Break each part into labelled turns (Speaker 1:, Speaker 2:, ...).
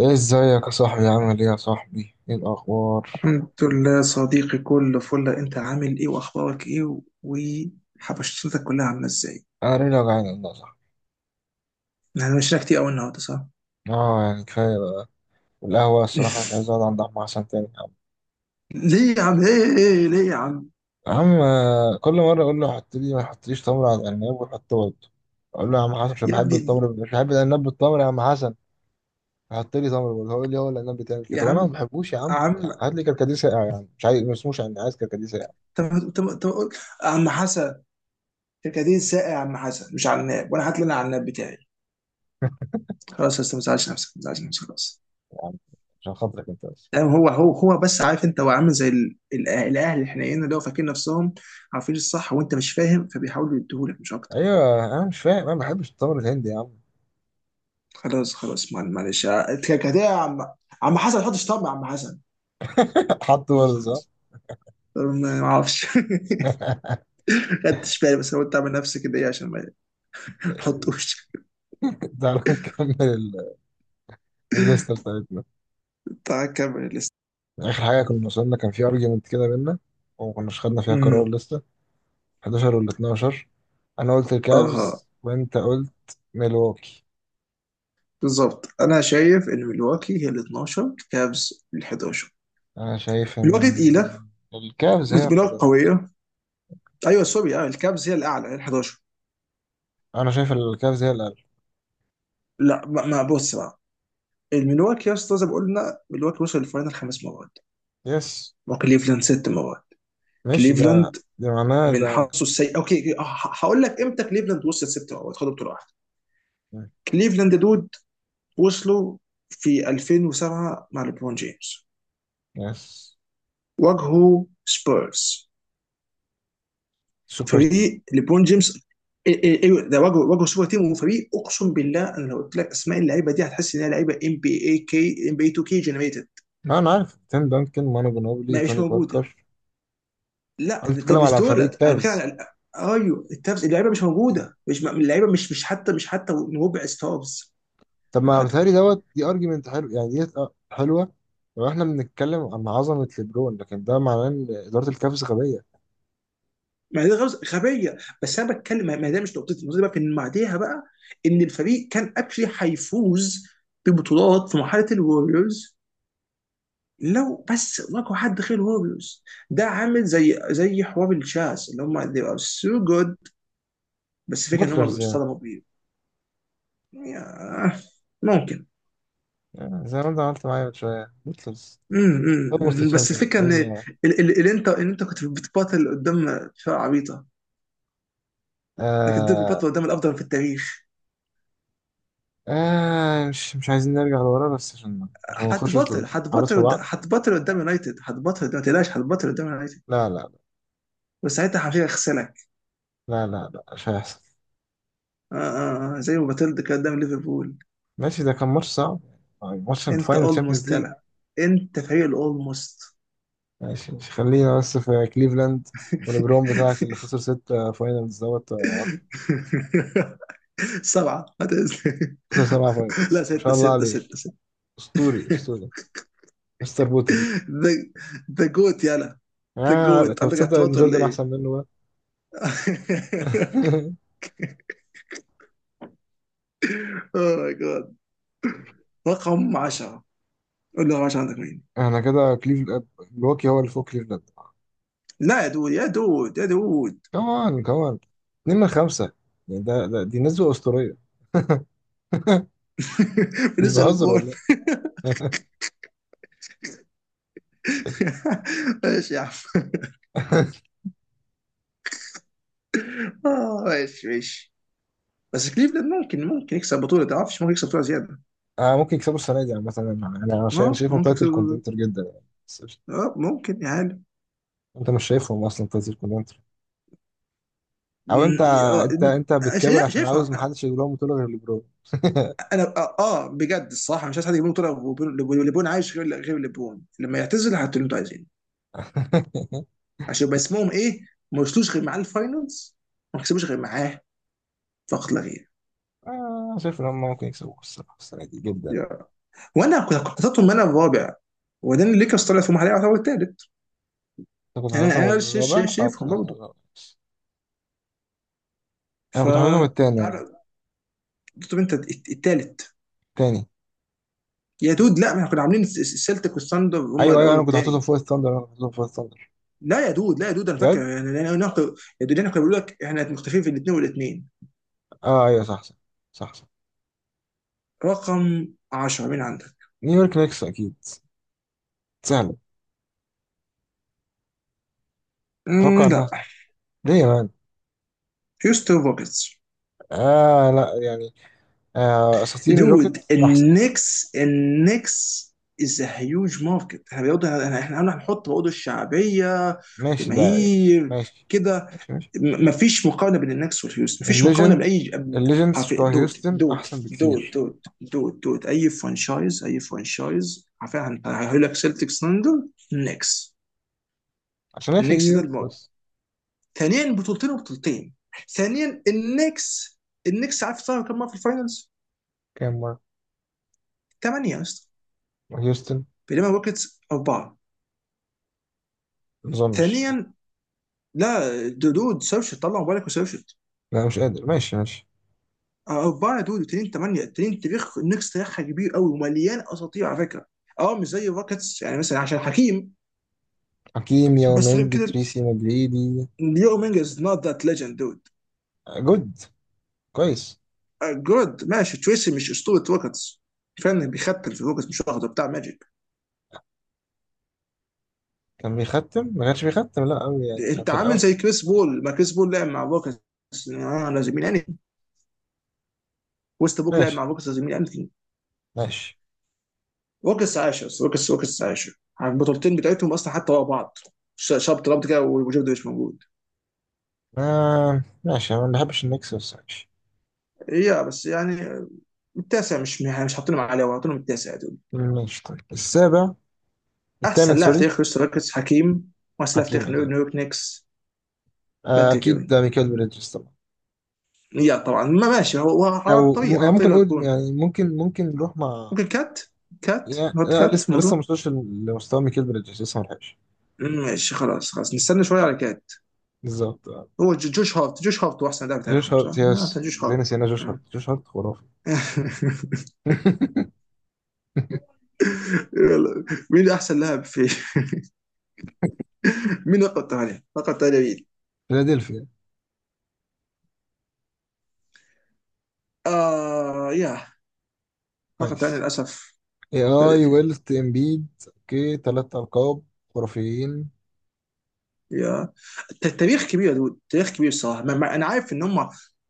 Speaker 1: ايه ازيك يا صاحبي؟ عامل ايه يا صاحبي؟ ايه الاخبار؟
Speaker 2: الحمد لله صديقي، كل فل. انت عامل ايه واخبارك ايه وحبشتك كلها عامله ازاي؟
Speaker 1: انا ليه وجعان والله يا صاحبي.
Speaker 2: احنا مشينا كتير قوي النهارده، صح؟
Speaker 1: اه يعني كفايه بقى. والقهوه الصراحه مش عايز اقعد عند عم حسن تاني يا عم.
Speaker 2: ليه يا عم؟ ايه ايه إيه، ليه يا عم؟
Speaker 1: يا عم آه، كل مره اقول له حط لي ما يحطليش تمر على العناب ويحط برضه. اقول له يا عم حسن مش
Speaker 2: يا
Speaker 1: بحب
Speaker 2: ابني.
Speaker 1: التمر، مش بحب العناب بالتمر يا عم حسن. حط لي تمر برضه، هو يقول لي هو العناب بتعمل كده.
Speaker 2: يا
Speaker 1: طب انا
Speaker 2: عم.
Speaker 1: ما بحبوش يا عم، يعني
Speaker 2: عم.
Speaker 1: هات لي كركديه ساقع، يعني مش عايز، ما اسموش يعني، عايز كركديه ساقع.
Speaker 2: طب قول. عم حسن، كركديه ساقع يا عم حسن، مش عناب. وانا هات لي انا عناب بتاعي. خلاص يا أستاذ، ما تزعلش نفسك، ما تزعلش نفسك خلاص.
Speaker 1: يا عم عشان خاطرك انت بس.
Speaker 2: يعني هو بس، عارف انت، هو عامل زي الاهل الحنينه اللي هو فاكرين نفسهم عارفين الصح وانت مش فاهم، فبيحاولوا يديهولك مش اكتر.
Speaker 1: ايوه انا مش فاهم، انا ما بحبش التمر الهندي يا عم.
Speaker 2: خلاص خلاص. معلش كده يا عم. عم حسن، ما تحطش طم يا عم حسن.
Speaker 1: حط
Speaker 2: خلاص
Speaker 1: برضه صح.
Speaker 2: خلاص. ما اعرفش. خدتش بالي، بس انا قلت اعمل نفسي كده ايه عشان ما تحطوش.
Speaker 1: تعالوا نكمل الليستة بتاعتنا.
Speaker 2: تعال كمل لسه.
Speaker 1: آخر حاجة كنا وصلنا كان في أرجيومنت كده بينا وما كناش خدنا فيها قرار
Speaker 2: امم.
Speaker 1: لسه. 11 وال 12. أنا قلت
Speaker 2: اها.
Speaker 1: الكافز وأنت قلت ميلواكي.
Speaker 2: بالظبط، انا شايف ان ملواكي هي ال 12، كابز ال 11.
Speaker 1: أنا شايف
Speaker 2: ملواكي تقيله.
Speaker 1: إن الكافز هي
Speaker 2: ملواكي
Speaker 1: الحضارة.
Speaker 2: قويه. ايوه سوري، اه الكابز هي الاعلى، هي ال 11.
Speaker 1: أنا شايف الكافز هي الأقل.
Speaker 2: لا، ما بص بقى. الملواكي يا اسطى زي ما قلنا، ملواكي وصل الفاينل خمس مرات
Speaker 1: يس،
Speaker 2: وكليفلاند ست مرات.
Speaker 1: ماشي ده.
Speaker 2: كليفلاند
Speaker 1: ده معناه
Speaker 2: من حظه
Speaker 1: ده.
Speaker 2: السيء. اوكي، هقول لك امتى كليفلاند وصلت ست، او خدوا بطوله واحده. كليفلاند دود، وصلوا في 2007 مع ليبرون جيمس.
Speaker 1: يس،
Speaker 2: واجهوا سبيرز،
Speaker 1: سوبر تيم.
Speaker 2: فريق ليبرون جيمس. إيه ده، واجهوا سوبر تيم وفريق. اقسم بالله انا لو قلت لك اسماء اللعيبه دي هتحس ان هي لعيبه ام بي اي كي، ام بي 2 كي جنريتد.
Speaker 1: أنا عارف تيم دانكن، مانو جنوبلي،
Speaker 2: ما مش
Speaker 1: توني
Speaker 2: موجوده.
Speaker 1: باركر.
Speaker 2: لا
Speaker 1: أنا
Speaker 2: ده
Speaker 1: بتكلم
Speaker 2: مش
Speaker 1: على فريق
Speaker 2: دولت، انا بتكلم
Speaker 1: كافز.
Speaker 2: على، ايوه التابس، اللعيبه مش موجوده، مش اللعيبه، مش حتى مش حتى ربع ستارز.
Speaker 1: طب ما
Speaker 2: وخدوا.
Speaker 1: بيتهيألي دوت دي ارجيومنت حلو يعني، ديت آه، حلوه. لو احنا بنتكلم عن عظمه ليبرون، لكن ده معناه ان اداره الكافز غبيه.
Speaker 2: ما دي غبيه، بس انا بتكلم، ما ده مش نقطتي. نقطتي بقى في ان بعديها بقى ان الفريق كان اكشلي هيفوز ببطولات في مرحله الوريورز لو بس واجهوا حد غير الوريورز. ده عامل زي حوار الجاز اللي هم they are so good، بس الفكره ان هم
Speaker 1: بوتلرز يعني.
Speaker 2: بيصطدموا بيه. يا- ممكن.
Speaker 1: يعني زي ما انت عملت معايا من شويه بوتلرز.
Speaker 2: مم.
Speaker 1: اولموست
Speaker 2: بس
Speaker 1: تشامبيونز
Speaker 2: الفكره ان
Speaker 1: ماليش دعوه.
Speaker 2: اللي انت، اللي انت كنت بتباطل قدام فرقه عبيطه، لكن دول
Speaker 1: آه.
Speaker 2: بيباطلوا قدام الافضل في التاريخ.
Speaker 1: آه مش عايزين نرجع لورا، بس عشان ما نخشش
Speaker 2: هتبطل
Speaker 1: الحوارات
Speaker 2: هتبطل
Speaker 1: في
Speaker 2: قد-
Speaker 1: بعض.
Speaker 2: هتبطل قدام يونايتد، هتبطل قدام، ما تقلقش، هتبطل قدام يونايتد.
Speaker 1: لا لا
Speaker 2: وساعتها حرفيا هيغسلك.
Speaker 1: لا. لا لا مش هيحصل.
Speaker 2: آه زي ما بطلت كده قدام ليفربول.
Speaker 1: ماشي ده كان ماتش صعب، يعني ماتش
Speaker 2: انت
Speaker 1: الفاينل
Speaker 2: اولموست
Speaker 1: تشامبيونز ليج.
Speaker 2: طلع، انت فريق الاولموست.
Speaker 1: ماشي، مش، خلينا بس في كليفلاند. وليبرون بتاعك اللي خسر ستة فاينلز دوت.
Speaker 2: سبعة هتنزل.
Speaker 1: خسر سبعة فاينلز
Speaker 2: لا،
Speaker 1: ما
Speaker 2: ستة
Speaker 1: شاء الله
Speaker 2: ستة
Speaker 1: عليه.
Speaker 2: ستة ستة.
Speaker 1: اسطوري، اسطوري. مستر بوتل.
Speaker 2: ذا، ذا جوت يلا. ذا
Speaker 1: آه
Speaker 2: جوت،
Speaker 1: طب
Speaker 2: عندك
Speaker 1: تصدق ان
Speaker 2: اعتراض ولا
Speaker 1: جوردن
Speaker 2: ايه؟
Speaker 1: احسن منه بقى.
Speaker 2: اوه ماي جاد، رقم 10. قول لي رقم 10، عندك مين؟
Speaker 1: احنا كده كليفلاند ملواكي هو اللي فوق كليفلاند.
Speaker 2: لا يا دود يا دود.
Speaker 1: كمان كمان. اتنين من خمسة، يعني ده, ده دي نسبة أسطورية. مش
Speaker 2: بالنسبه
Speaker 1: بهزر
Speaker 2: لبول.
Speaker 1: والله.
Speaker 2: ماشي يا عم. آه، ماشي ماشي. بس كليفلاند ممكن يكسب بطوله، ما اعرفش، ممكن يكسب بطوله زياده.
Speaker 1: آه ممكن يكسبوا السنة دي عامة. أنا
Speaker 2: اه
Speaker 1: شايفهم
Speaker 2: ممكن يكسب
Speaker 1: تايتل كونتنتر
Speaker 2: بطولة.
Speaker 1: جدا يعني، بس مش.
Speaker 2: اه ممكن يا عالم.
Speaker 1: أنت مش شايفهم أصلا تايتل كونتنتر. أو أنت. أنت أنت بتكابر عشان عاوز
Speaker 2: شايفها.
Speaker 1: محدش يجيب لهم بطولة غير ليبرون.
Speaker 2: انا اه، آه، بجد الصراحه مش عايز حد يجيب لهم بطوله. لبون عايش، غير لبون. لما يعتزل هاتوا اللي انتوا عايزينه عشان يبقى اسمهم ايه. ما وصلوش غير معاه الفاينلز، ما كسبوش غير معاه، فقط لا غير.
Speaker 1: آه شايف إن هم ممكن يكسبوا الصراحة السنة دي جدا.
Speaker 2: يا. وانا كنت حاططهم انا الرابع، وبعدين الليكرز طلعت في محلها يعتبر الثالث.
Speaker 1: انت كنت
Speaker 2: يعني
Speaker 1: حاططهم الرابع، اه كنت
Speaker 2: شايفهم
Speaker 1: حاططهم
Speaker 2: برضه.
Speaker 1: الرابع.
Speaker 2: ف،
Speaker 1: انا كنت حاططهم التاني انا.
Speaker 2: تعال- طب انت التالت.
Speaker 1: التاني.
Speaker 2: يا دود لا، ما احنا كنا عاملين السلتيك والثاندر هم
Speaker 1: ايوه ايوه
Speaker 2: الاول
Speaker 1: انا كنت حاططهم
Speaker 2: والتاني.
Speaker 1: فوق الثاندر، انا كنت حاططهم فوق الثاندر.
Speaker 2: لا يا دود، لا يا دود، انا
Speaker 1: بجد.
Speaker 2: فاكر يعني لأن يا دود انا كنت بقول لك احنا مختلفين في الاثنين والاثنين.
Speaker 1: اه ايوه صح صح. صح صح.
Speaker 2: رقم 10 مين عندك؟
Speaker 1: نيويورك نيكس اكيد. سهله.
Speaker 2: امم،
Speaker 1: اتوقع انها
Speaker 2: لا.
Speaker 1: سهله. ليه يا مان؟
Speaker 2: هيوستن روكيتس.
Speaker 1: اه لا يعني. آه اساطير
Speaker 2: دود،
Speaker 1: الروكيتس احسن.
Speaker 2: النكس از هيوج ماركت. احنا برضه، احنا هنحط برضه الشعبيه،
Speaker 1: ماشي ده يعني.
Speaker 2: جماهير
Speaker 1: ماشي
Speaker 2: كده.
Speaker 1: ماشي. ماشي
Speaker 2: مفيش مقارنه بين النكس والهيوز، مفيش مقارنه بين
Speaker 1: الليجند.
Speaker 2: اي،
Speaker 1: الليجندز
Speaker 2: حرفيا
Speaker 1: بتوع
Speaker 2: دوت
Speaker 1: هيوستن
Speaker 2: دوت
Speaker 1: احسن
Speaker 2: دوت
Speaker 1: بكتير.
Speaker 2: دوت دوت دوت اي فرانشايز، اي فرانشايز حرفيا هيقول لك سيلتكس لندن النكس.
Speaker 1: عشان هي في
Speaker 2: النكس ده
Speaker 1: نيويورك
Speaker 2: المرة،
Speaker 1: بس.
Speaker 2: ثانيا بطولتين وبطولتين. ثانيا النكس، النكس عارف صار كم مره في الفاينلز؟
Speaker 1: كام مره؟
Speaker 2: ثمانيه يا اسطى،
Speaker 1: هيوستن
Speaker 2: بينما الروكيتس اربعه.
Speaker 1: ما اظنش.
Speaker 2: ثانيا، لا دود، سيرشت، طلع موبايلك وسيرشت.
Speaker 1: لا مش قادر، ماشي ماشي.
Speaker 2: اربعه دود وتنين، ثمانيه تنين. تاريخ النكس تاريخها كبير قوي ومليان اساطير على فكره. اه مش زي الروكيتس يعني، مثلا عشان حكيم،
Speaker 1: حكيم،
Speaker 2: بس غير
Speaker 1: يومينج،
Speaker 2: كده،
Speaker 1: تريسي مجريدي.
Speaker 2: ليو مينج از نوت ذات ليجند دود.
Speaker 1: جود. كويس.
Speaker 2: آه، جود، ماشي. تريسي مش اسطوره روكيتس، كفايه انه بيختل في الروكيتس مش واخده بتاع ماجيك.
Speaker 1: كان بيختم، ما كانش بيختم لا قوي يعني، كان
Speaker 2: انت
Speaker 1: في
Speaker 2: عامل
Speaker 1: الاول.
Speaker 2: زي كريس
Speaker 1: ماشي
Speaker 2: بول، ما كريس بول لعب مع الروكيتس آه، لازم يعني. وست بوك لعب مع
Speaker 1: ماشي.
Speaker 2: الروكيتس لازم يعني.
Speaker 1: ماشي
Speaker 2: روكس عاشوا، روكس عاشوا. البطولتين بتاعتهم اصلا حتى ورا بعض. شاب ترامب كده وجوردن مش موجود.
Speaker 1: ما ماشي، انا ما بحبش النكس بس ماشي.
Speaker 2: هي بس يعني، التاسع. مش حاطينهم عليه، حاطينهم التاسع دول.
Speaker 1: ماشي طيب السابع. الثامن
Speaker 2: احسن لاعب في
Speaker 1: سوري.
Speaker 2: تاريخ هيوستن روكيتس حكيم، واحسن لاعب في
Speaker 1: حكيم
Speaker 2: تاريخ
Speaker 1: اكيد.
Speaker 2: نيويورك نيكس
Speaker 1: آه،
Speaker 2: باتريك
Speaker 1: اكيد،
Speaker 2: ايفن.
Speaker 1: ده ميكال بريدجز طبعا.
Speaker 2: يا طبعا، ما ماشي، هو على
Speaker 1: او
Speaker 2: الطريق،
Speaker 1: يعني
Speaker 2: على طريق
Speaker 1: ممكن
Speaker 2: انه
Speaker 1: اقول،
Speaker 2: يكون.
Speaker 1: يعني ممكن ممكن نروح مع.
Speaker 2: ممكن كات،
Speaker 1: يعني
Speaker 2: نحط
Speaker 1: لا
Speaker 2: كات في
Speaker 1: لسه لسه ما
Speaker 2: الموضوع.
Speaker 1: وصلش لمستوى ميكال بريدجز، لسه ما لحقش.
Speaker 2: ماشي، خلاص خلاص، نستنى شويه على كات.
Speaker 1: بالظبط آه.
Speaker 2: هو جوش هارت، جوش هارت هو احسن لاعب في
Speaker 1: جوش
Speaker 2: تاريخهم
Speaker 1: هارت
Speaker 2: صح؟
Speaker 1: يس.
Speaker 2: لا، أحسن جوش
Speaker 1: زي
Speaker 2: هارت.
Speaker 1: نسينا جوش هارت. جوش هارت خرافي.
Speaker 2: يلا. مين احسن لاعب في مين النقطة الثانية؟ النقطة الثانية مين؟
Speaker 1: فيلادلفيا.
Speaker 2: آه يا. النقطة الثانية
Speaker 1: كويس.
Speaker 2: للأسف
Speaker 1: اي اي
Speaker 2: فيلادلفيا.
Speaker 1: ويلت امبيد اوكي تلات القاب خرافيين.
Speaker 2: يا. التاريخ كبير يا دود، تاريخ كبير الصراحة. أنا عارف إن هم،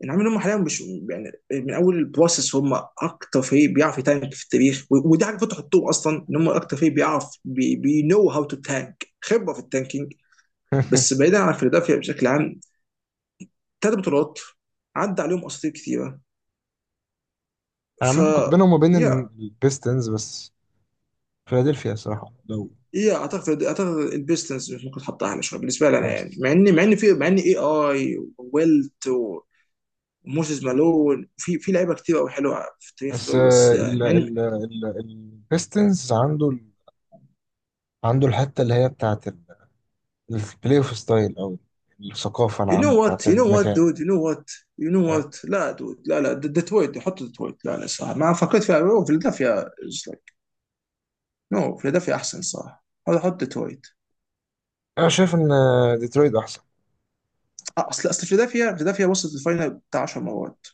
Speaker 2: أنا عارف إن هم حاليا مش يعني، من أول البروسس هم أكتر فريق بيعرف يتانك في التاريخ، ودي حاجة فتح الطوب أصلا، إن هم أكتر فريق بيعرف، بي نو هاو تو تانك، خبرة في التانكينج. بس بعيدا عن فيلادلفيا بشكل عام، ثلاث بطولات، عدى عليهم أساطير كثيرة.
Speaker 1: انا
Speaker 2: ف،
Speaker 1: عامة كنت بينهم وبين
Speaker 2: يا.
Speaker 1: البيستنز بس. فيلادلفيا صراحة لو.
Speaker 2: ايه، اعتقد البيستنس ممكن تحط اعلى شويه بالنسبه لي انا، يعني
Speaker 1: ماشي.
Speaker 2: مع ان، مع ان في مع ان اي وويلت وموسيس مالون، في لعيبه كتير قوي حلوه في التاريخ
Speaker 1: بس
Speaker 2: دول، بس
Speaker 1: آه، ال
Speaker 2: يعني مع ان،
Speaker 1: ال ال البيستنز عنده عنده الحتة اللي هي بتاعت البلاي اوف ستايل او الثقافة
Speaker 2: يو نو
Speaker 1: العامة
Speaker 2: وات
Speaker 1: بتاعت
Speaker 2: يو نو وات
Speaker 1: المكان.
Speaker 2: دود يو نو وات. يو نو
Speaker 1: آه،
Speaker 2: وات لا دود، لا لا، ديترويت، حط ديترويت، لا لا صح ما فكرت فيها. أوه، فيلادلفيا از لايك، نو، فيلادلفيا احسن صح، هذا حط ديترويت.
Speaker 1: انا شايف ان آه، ديترويت احسن.
Speaker 2: اصل اصل فيلادلفيا، فيلادلفيا وصلت الفاينل بتاع 10 مرات،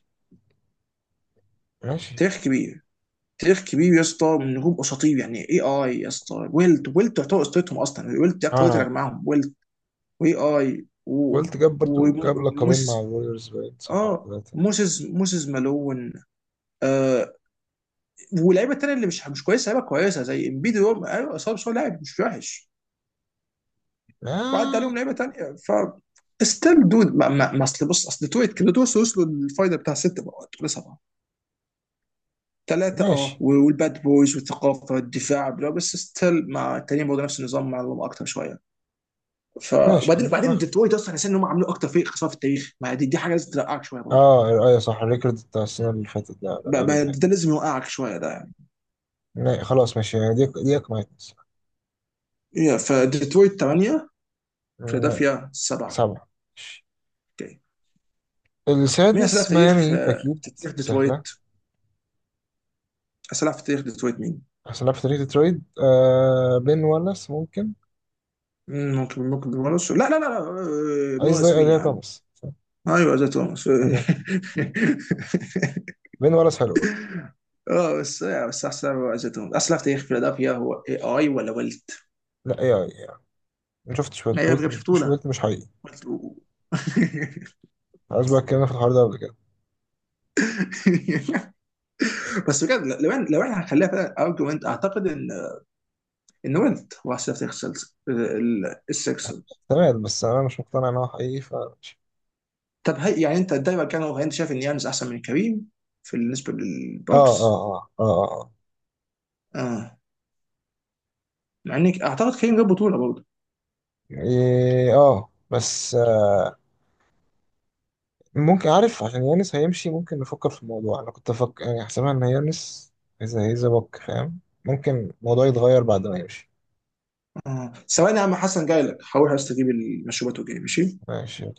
Speaker 1: ماشي.
Speaker 2: تاريخ كبير، تاريخ كبير يا اسطى، من نجوم اساطير يعني، اي يا اسطى، ويلت تعتبر اسطورتهم اصلا، ويلت دي اكتر واحد
Speaker 1: انا
Speaker 2: اللي جمعهم ويلت، واي اي و-
Speaker 1: قلت جاب برضو جاب لقبين مع
Speaker 2: وموسيس،
Speaker 1: الوريورز باين، صح؟ او
Speaker 2: اه
Speaker 1: ثلاثة.
Speaker 2: موسيس، موسيس مالون. آه. واللعيبه التانيه اللي مش كويسه، لعيبه كويسه زي امبيدي، هو ايوه صعب بس هو لاعب مش وحش. وعدى
Speaker 1: آه.
Speaker 2: عليهم لعيبه تانيه. ف، ستيل دود، ما ما ما اصل بص، اصل تويت كده، توصل، وصلوا للفاينل بتاع ست بقى ولا سبعه. ثلاثة، اه
Speaker 1: ماشي
Speaker 2: والباد بويز والثقافة والدفاع بلا. بس ستيل مع التانيين برضه نفس النظام مع الروم اكتر شوية. ف،
Speaker 1: ماشي
Speaker 2: وبعدين،
Speaker 1: مش
Speaker 2: وبعدين ديترويت اصلا حسيت ان هم عملوا اكتر فريق خسارة في التاريخ. ما دي حاجة لازم تلقعك شوية برضه.
Speaker 1: اه ايوه صح، الريكورد بتاع السنة اللي فاتت، لا لا، اللي قبل اللي فاتت.
Speaker 2: ده لازم يوقعك شوية ده يعني.
Speaker 1: لا، خلاص ماشي يعني، دي اقنعتني الصراحة.
Speaker 2: يا، فديترويت 8،
Speaker 1: لا،
Speaker 2: فيلادلفيا 7.
Speaker 1: سبعة ماشي.
Speaker 2: اوكي. مين أسئلة
Speaker 1: السادس
Speaker 2: في تاريخ،
Speaker 1: ميامي هيت
Speaker 2: آه،
Speaker 1: أكيد.
Speaker 2: تاريخ
Speaker 1: سهلة.
Speaker 2: ديترويت؟ أسئلة في تاريخ ديترويت مين؟
Speaker 1: عشان لعبت في ترويد آه بين والاس ممكن.
Speaker 2: ممكن ممكن بنورس، لا آه،
Speaker 1: عايز زي
Speaker 2: بنورس مين يا
Speaker 1: أزاي
Speaker 2: عم؟
Speaker 1: توماس، صح؟
Speaker 2: ايوه زي توماس.
Speaker 1: أزاي توماس. بين والاس حلو برضه.
Speaker 2: اه بس، آه، بس احسن ما واجهتهم اصلا في تاريخ فيلادلفيا هو اي ولا ولت.
Speaker 1: لا يا يا. ما شفتش
Speaker 2: ما
Speaker 1: ويلت،
Speaker 2: هي
Speaker 1: ويلت
Speaker 2: بجد
Speaker 1: مش
Speaker 2: بطوله.
Speaker 1: ويلت مش حقيقي.
Speaker 2: ولت و-
Speaker 1: عايز بقى اتكلمنا في الحوار ده قبل كده.
Speaker 2: بس بجد لو لو احنا هنخليها فعلا ارجيومنت اعتقد ان، ان ولت هو احسن لعبه في تاريخ السكسرز.
Speaker 1: تمام بس أنا مش مقتنع إن هو حقيقي فماشي.
Speaker 2: طب هي يعني انت دايما كان هو، انت شايف ان يانز احسن من كريم في، بالنسبه
Speaker 1: اه اه
Speaker 2: للبوكس.
Speaker 1: اه اه اه, آه.
Speaker 2: اه، مع انك اعتقد كريم جاب بطوله برضه.
Speaker 1: إيه، آه. بس ممكن، عارف عشان يانس هيمشي ممكن نفكر في الموضوع. انا كنت افكر يعني حسبها ان يانس اذا هيزبك فاهم، ممكن الموضوع يتغير بعد ما يمشي.
Speaker 2: اه ثواني يا عم حسن، جاي لك، هروح استجيب المشروبات وجاي، ماشي.
Speaker 1: ماشي